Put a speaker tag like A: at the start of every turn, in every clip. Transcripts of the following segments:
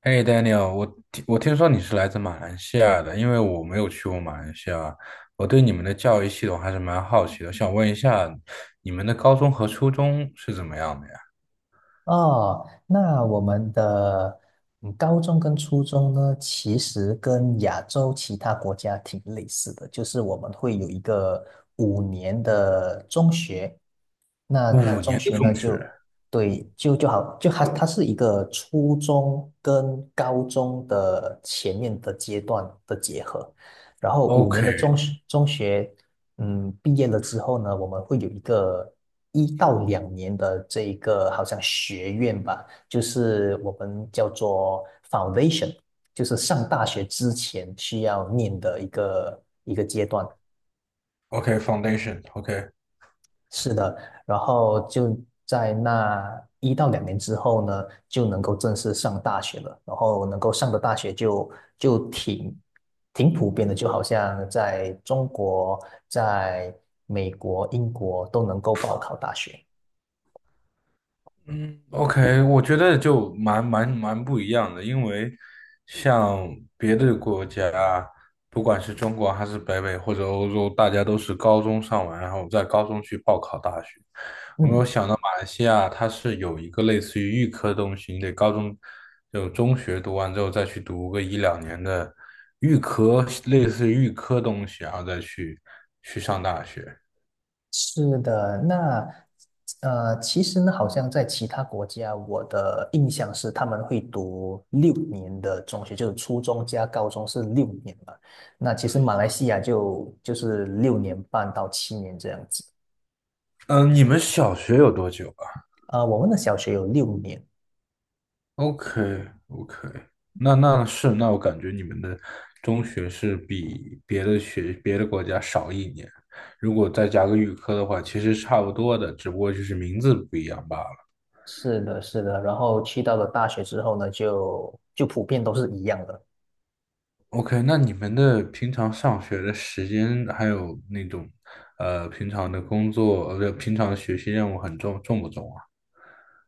A: 哎，Daniel，我听说你是来自马来西亚的，因为我没有去过马来西亚，我对你们的教育系统还是蛮好奇的，想问一下，你们的高中和初中是怎么样的呀？
B: 哦，那我们的高中跟初中呢，其实跟亚洲其他国家挺类似的，就是我们会有一个五年的中学，那
A: 五
B: 中
A: 年的
B: 学
A: 中
B: 呢
A: 学
B: 就对就就好就它它是一个初中跟高中的前面的阶段的结合，然后五年的中学毕业了之后呢，我们会有一个一到两年的这一个好像学院吧，就是我们叫做 foundation，就是上大学之前需要念的一个阶段。
A: ，OK，OK，Foundation，OK，
B: 是的，然后就在那一到两年之后呢，就能够正式上大学了。然后能够上的大学就挺普遍的，就好像在中国、在美国、英国都能够报考大学。
A: 嗯，OK，我觉得就蛮不一样的，因为像别的国家，不管是中国还是北美或者欧洲，大家都是高中上完，然后在高中去报考大学。我没
B: 嗯，
A: 有想到马来西亚它是有一个类似于预科的东西，你得高中就中学读完之后再去读个一两年的预科，类似于预科东西，然后再去上大学。
B: 是的，那其实呢，好像在其他国家，我的印象是他们会读六年的中学，就是初中加高中是六年嘛。那其实马来西亚就是6年半到7年这样子。
A: 嗯，你们小学有多久？
B: 我们的小学有六年，
A: OK OK，那我感觉你们的中学是比别的国家少一年，如果再加个预科的话，其实差不多的，只不过就是名字不一样罢了。
B: 是的，是的。然后去到了大学之后呢，就普遍都是一样的。
A: OK，那你们的平常上学的时间还有那种平常的工作，不平常的学习任务重不重啊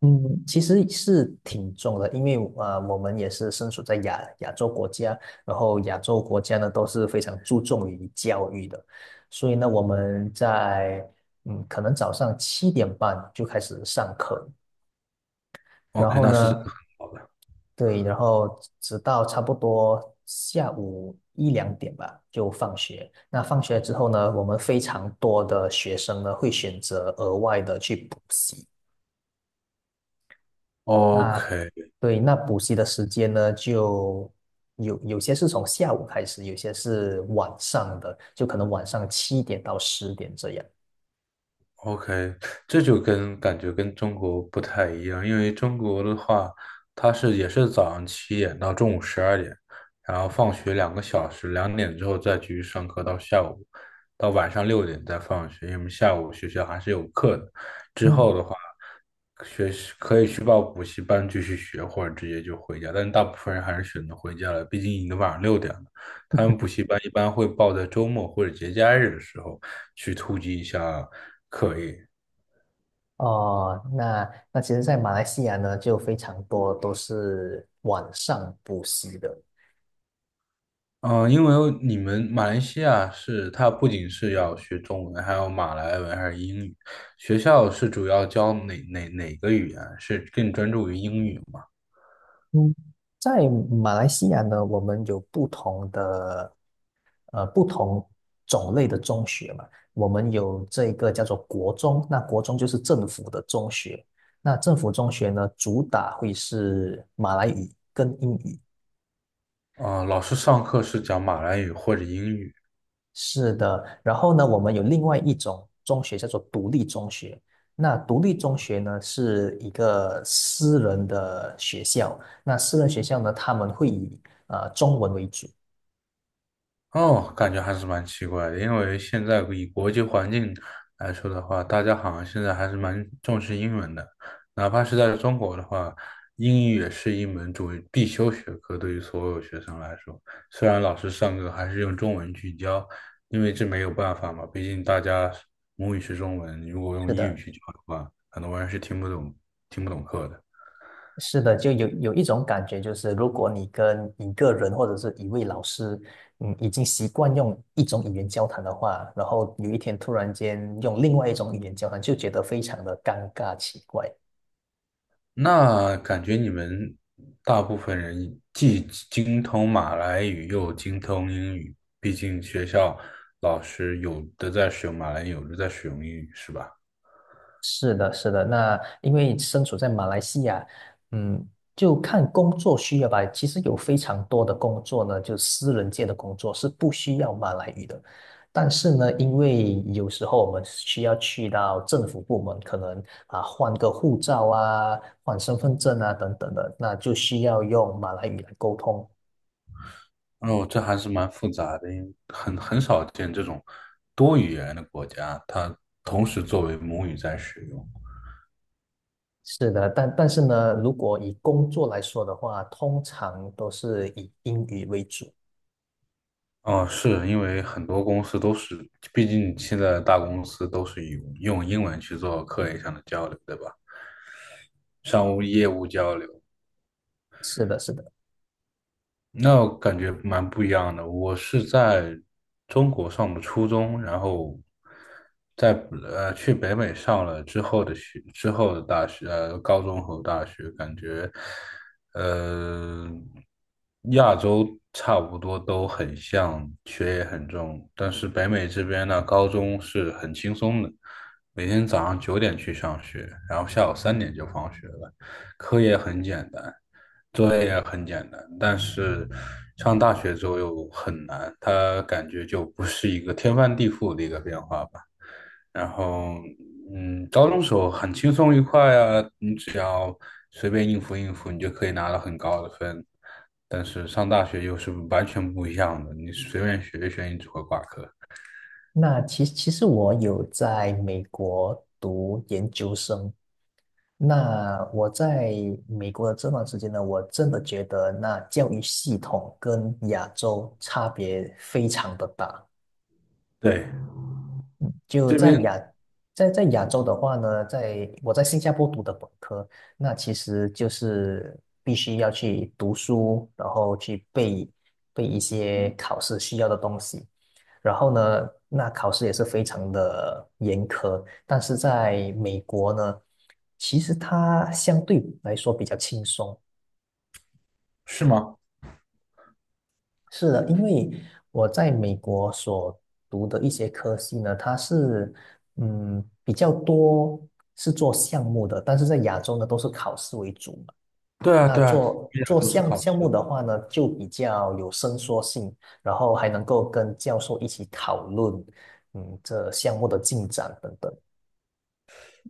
B: 嗯，其实是挺重的，因为我们也是身处在亚洲国家，然后亚洲国家呢都是非常注重于教育的，所以呢，我们在可能早上7点半就开始上课，然
A: ？OK，
B: 后
A: 那是真
B: 呢，
A: 的很好的。
B: 对，然后直到差不多下午一两点吧，就放学。那放学之后呢，我们非常多的学生呢会选择额外的去补习。那
A: OK，
B: 对，那补习的时间呢，就有些是从下午开始，有些是晚上的，就可能晚上7点到10点这样。
A: OK，这就感觉跟中国不太一样，因为中国的话，它也是早上7点到中午12点，然后放学2个小时，2点之后再继续上课到下午，到晚上六点再放学，因为下午学校还是有课的。之
B: 嗯，
A: 后的话，学习可以去报补习班继续学，或者直接就回家，但大部分人还是选择回家了，毕竟已经晚上六点了。他们补习班一般会报在周末或者节假日的时候去突击一下。
B: 哦，那其实，在马来西亚呢，就非常多都是晚上补习的。
A: 嗯，因为你们马来西亚是，它不仅是要学中文，还有马来文还是英语。学校是主要教哪个语言？是更专注于英语吗？
B: 嗯，在马来西亚呢，我们有不同的不同种类的中学嘛。我们有这个叫做国中，那国中就是政府的中学。那政府中学呢，主打会是马来语跟英语。
A: 啊，老师上课是讲马来语或者英语。
B: 是的，然后呢，我们有另外一种中学叫做独立中学。那独立中学呢，是一个私人的学校。那私人学校呢，他们会以中文为主。
A: 哦，感觉还是蛮奇怪的，因为现在以国际环境来说的话，大家好像现在还是蛮重视英文的，哪怕是在中国的话，英语也是一门必修学科，对于所有学生来说，虽然老师上课还是用中文去教，因为这没有办法嘛，毕竟大家母语是中文，如果用
B: 是
A: 英语
B: 的。
A: 去教的话，很多人是听不懂课的。
B: 是的，就有一种感觉，就是如果你跟一个人或者是一位老师，已经习惯用一种语言交谈的话，然后有一天突然间用另外一种语言交谈，就觉得非常的尴尬奇怪。
A: 那感觉你们大部分人既精通马来语又精通英语，毕竟学校老师有的在使用马来语，有的在使用英语，是吧？
B: 是的，是的。那因为身处在马来西亚，嗯，就看工作需要吧。其实有非常多的工作呢，就私人界的工作是不需要马来语的。但是呢，因为有时候我们需要去到政府部门，可能啊换个护照啊、换身份证啊等等的，那就需要用马来语来沟通。
A: 哦，这还是蛮复杂的，因为很少见这种多语言的国家，它同时作为母语在使用。
B: 是的，但是呢，如果以工作来说的话，通常都是以英语为主。
A: 哦，是因为很多公司都是，毕竟现在大公司都是用英文去做课业上的交流，对吧？商务业务交流。
B: 是的，是的。
A: 那我感觉蛮不一样的。我是在中国上的初中，然后在去北美上了之后的大学，高中和大学，感觉呃亚洲差不多都很像，学业很重，但是北美这边呢，高中是很轻松的，每天早上9点去上学，然后下午3点就放学了，课也很简单。作业很简单，但是上大学之后又很难，它感觉就不是一个天翻地覆的一个变化吧。然后，高中时候很轻松愉快啊，你只要随便应付应付，你就可以拿到很高的分。但是上大学又是完全不一样的，你随便学一学，你只会挂科。
B: 那其实我有在美国读研究生。那我在美国的这段时间呢，我真的觉得那教育系统跟亚洲差别非常的大。
A: 对，
B: 就
A: 这
B: 在
A: 边。
B: 亚，在在亚洲的话呢，在我在新加坡读的本科，那其实就是必须要去读书，然后去背一些考试需要的东西，然后呢，那考试也是非常的严苛，但是在美国呢，其实它相对来说比较轻松。
A: 是吗？
B: 是的，因为我在美国所读的一些科系呢，它是比较多是做项目的，但是在亚洲呢都是考试为主嘛。
A: 对啊，
B: 那
A: 对啊，
B: 做
A: 一点
B: 做
A: 都是
B: 项
A: 考
B: 项目
A: 试。
B: 的话呢，就比较有伸缩性，然后还能够跟教授一起讨论，这项目的进展等等。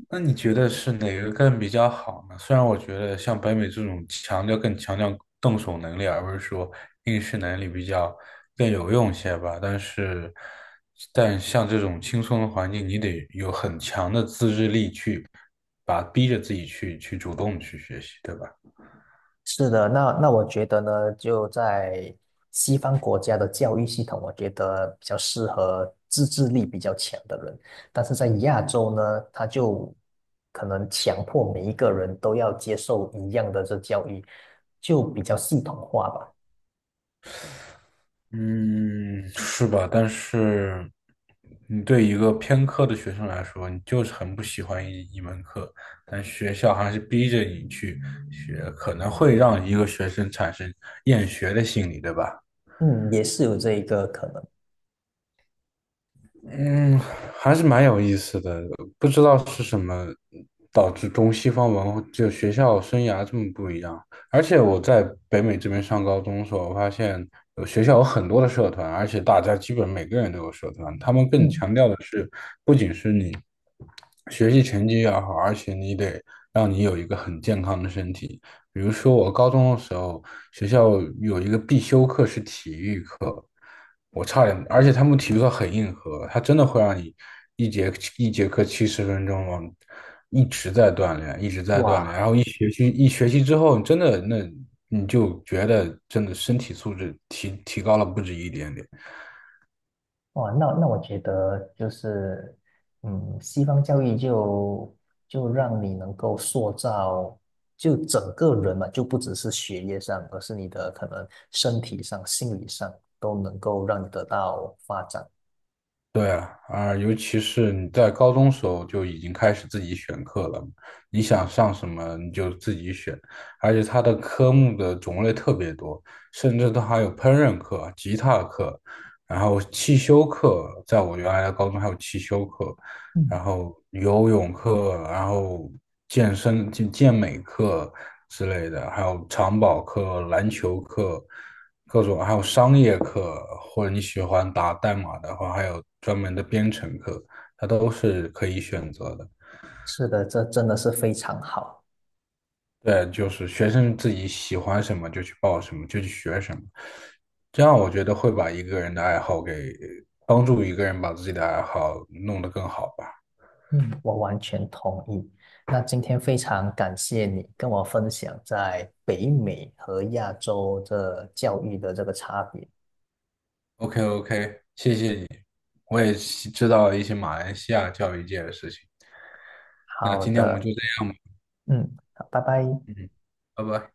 A: 那你觉得是哪个更比较好呢？虽然我觉得像北美这种更强调动手能力，而不是说应试能力比较更有用些吧，但像这种轻松的环境，你得有很强的自制力去逼着自己去主动去学习，对吧？
B: 是的，那我觉得呢，就在西方国家的教育系统，我觉得比较适合自制力比较强的人，但是在亚洲呢，他就可能强迫每一个人都要接受一样的这教育，就比较系统化吧。
A: 嗯，是吧？但是，你对一个偏科的学生来说，你就是很不喜欢一门课，但学校还是逼着你去学，可能会让一个学生产生厌学的心理，对吧？
B: 嗯，也是有这一个可能。
A: 嗯，还是蛮有意思的，不知道是什么导致中西方文化就学校生涯这么不一样。而且我在北美这边上高中的时候，我发现学校有很多的社团，而且大家基本每个人都有社团。他们更
B: 嗯，
A: 强调的是，不仅是你学习成绩要好，而且你得让你有一个很健康的身体。比如说我高中的时候，学校有一个必修课是体育课，我差点，而且他们体育课很硬核，他真的会让你一节一节课70分钟往一直在锻炼，一直在锻
B: 哇。
A: 炼。学习一学习之后，真的那你就觉得真的身体素质提高了不止一点点。
B: 哇，那我觉得就是，西方教育就让你能够塑造就整个人嘛，就不只是学业上，而是你的可能身体上、心理上都能够让你得到发展。
A: 对啊，啊，尤其是你在高中时候就已经开始自己选课了，你想上什么你就自己选，而且它的科目的种类特别多，甚至它还有烹饪课、吉他课，然后汽修课，在我原来的高中还有汽修课，然
B: 嗯，
A: 后游泳课，然后健身、健美课，之类的，还有长跑课、篮球课，各种，还有商业课，或者你喜欢打代码的话，还有专门的编程课，它都是可以选择的。
B: 是的，这真的是非常好。
A: 对，就是学生自己喜欢什么就去报什么，就去学什么，这样我觉得会把一个人的爱好帮助一个人把自己的爱好弄得更好吧。
B: 嗯，我完全同意。那今天非常感谢你跟我分享在北美和亚洲这教育的这个差别。
A: OK OK，谢谢你，我也知道了一些马来西亚教育界的事情。那
B: 好
A: 今天我们
B: 的，
A: 就这样吧。
B: 嗯，好，拜拜。
A: 嗯，拜拜。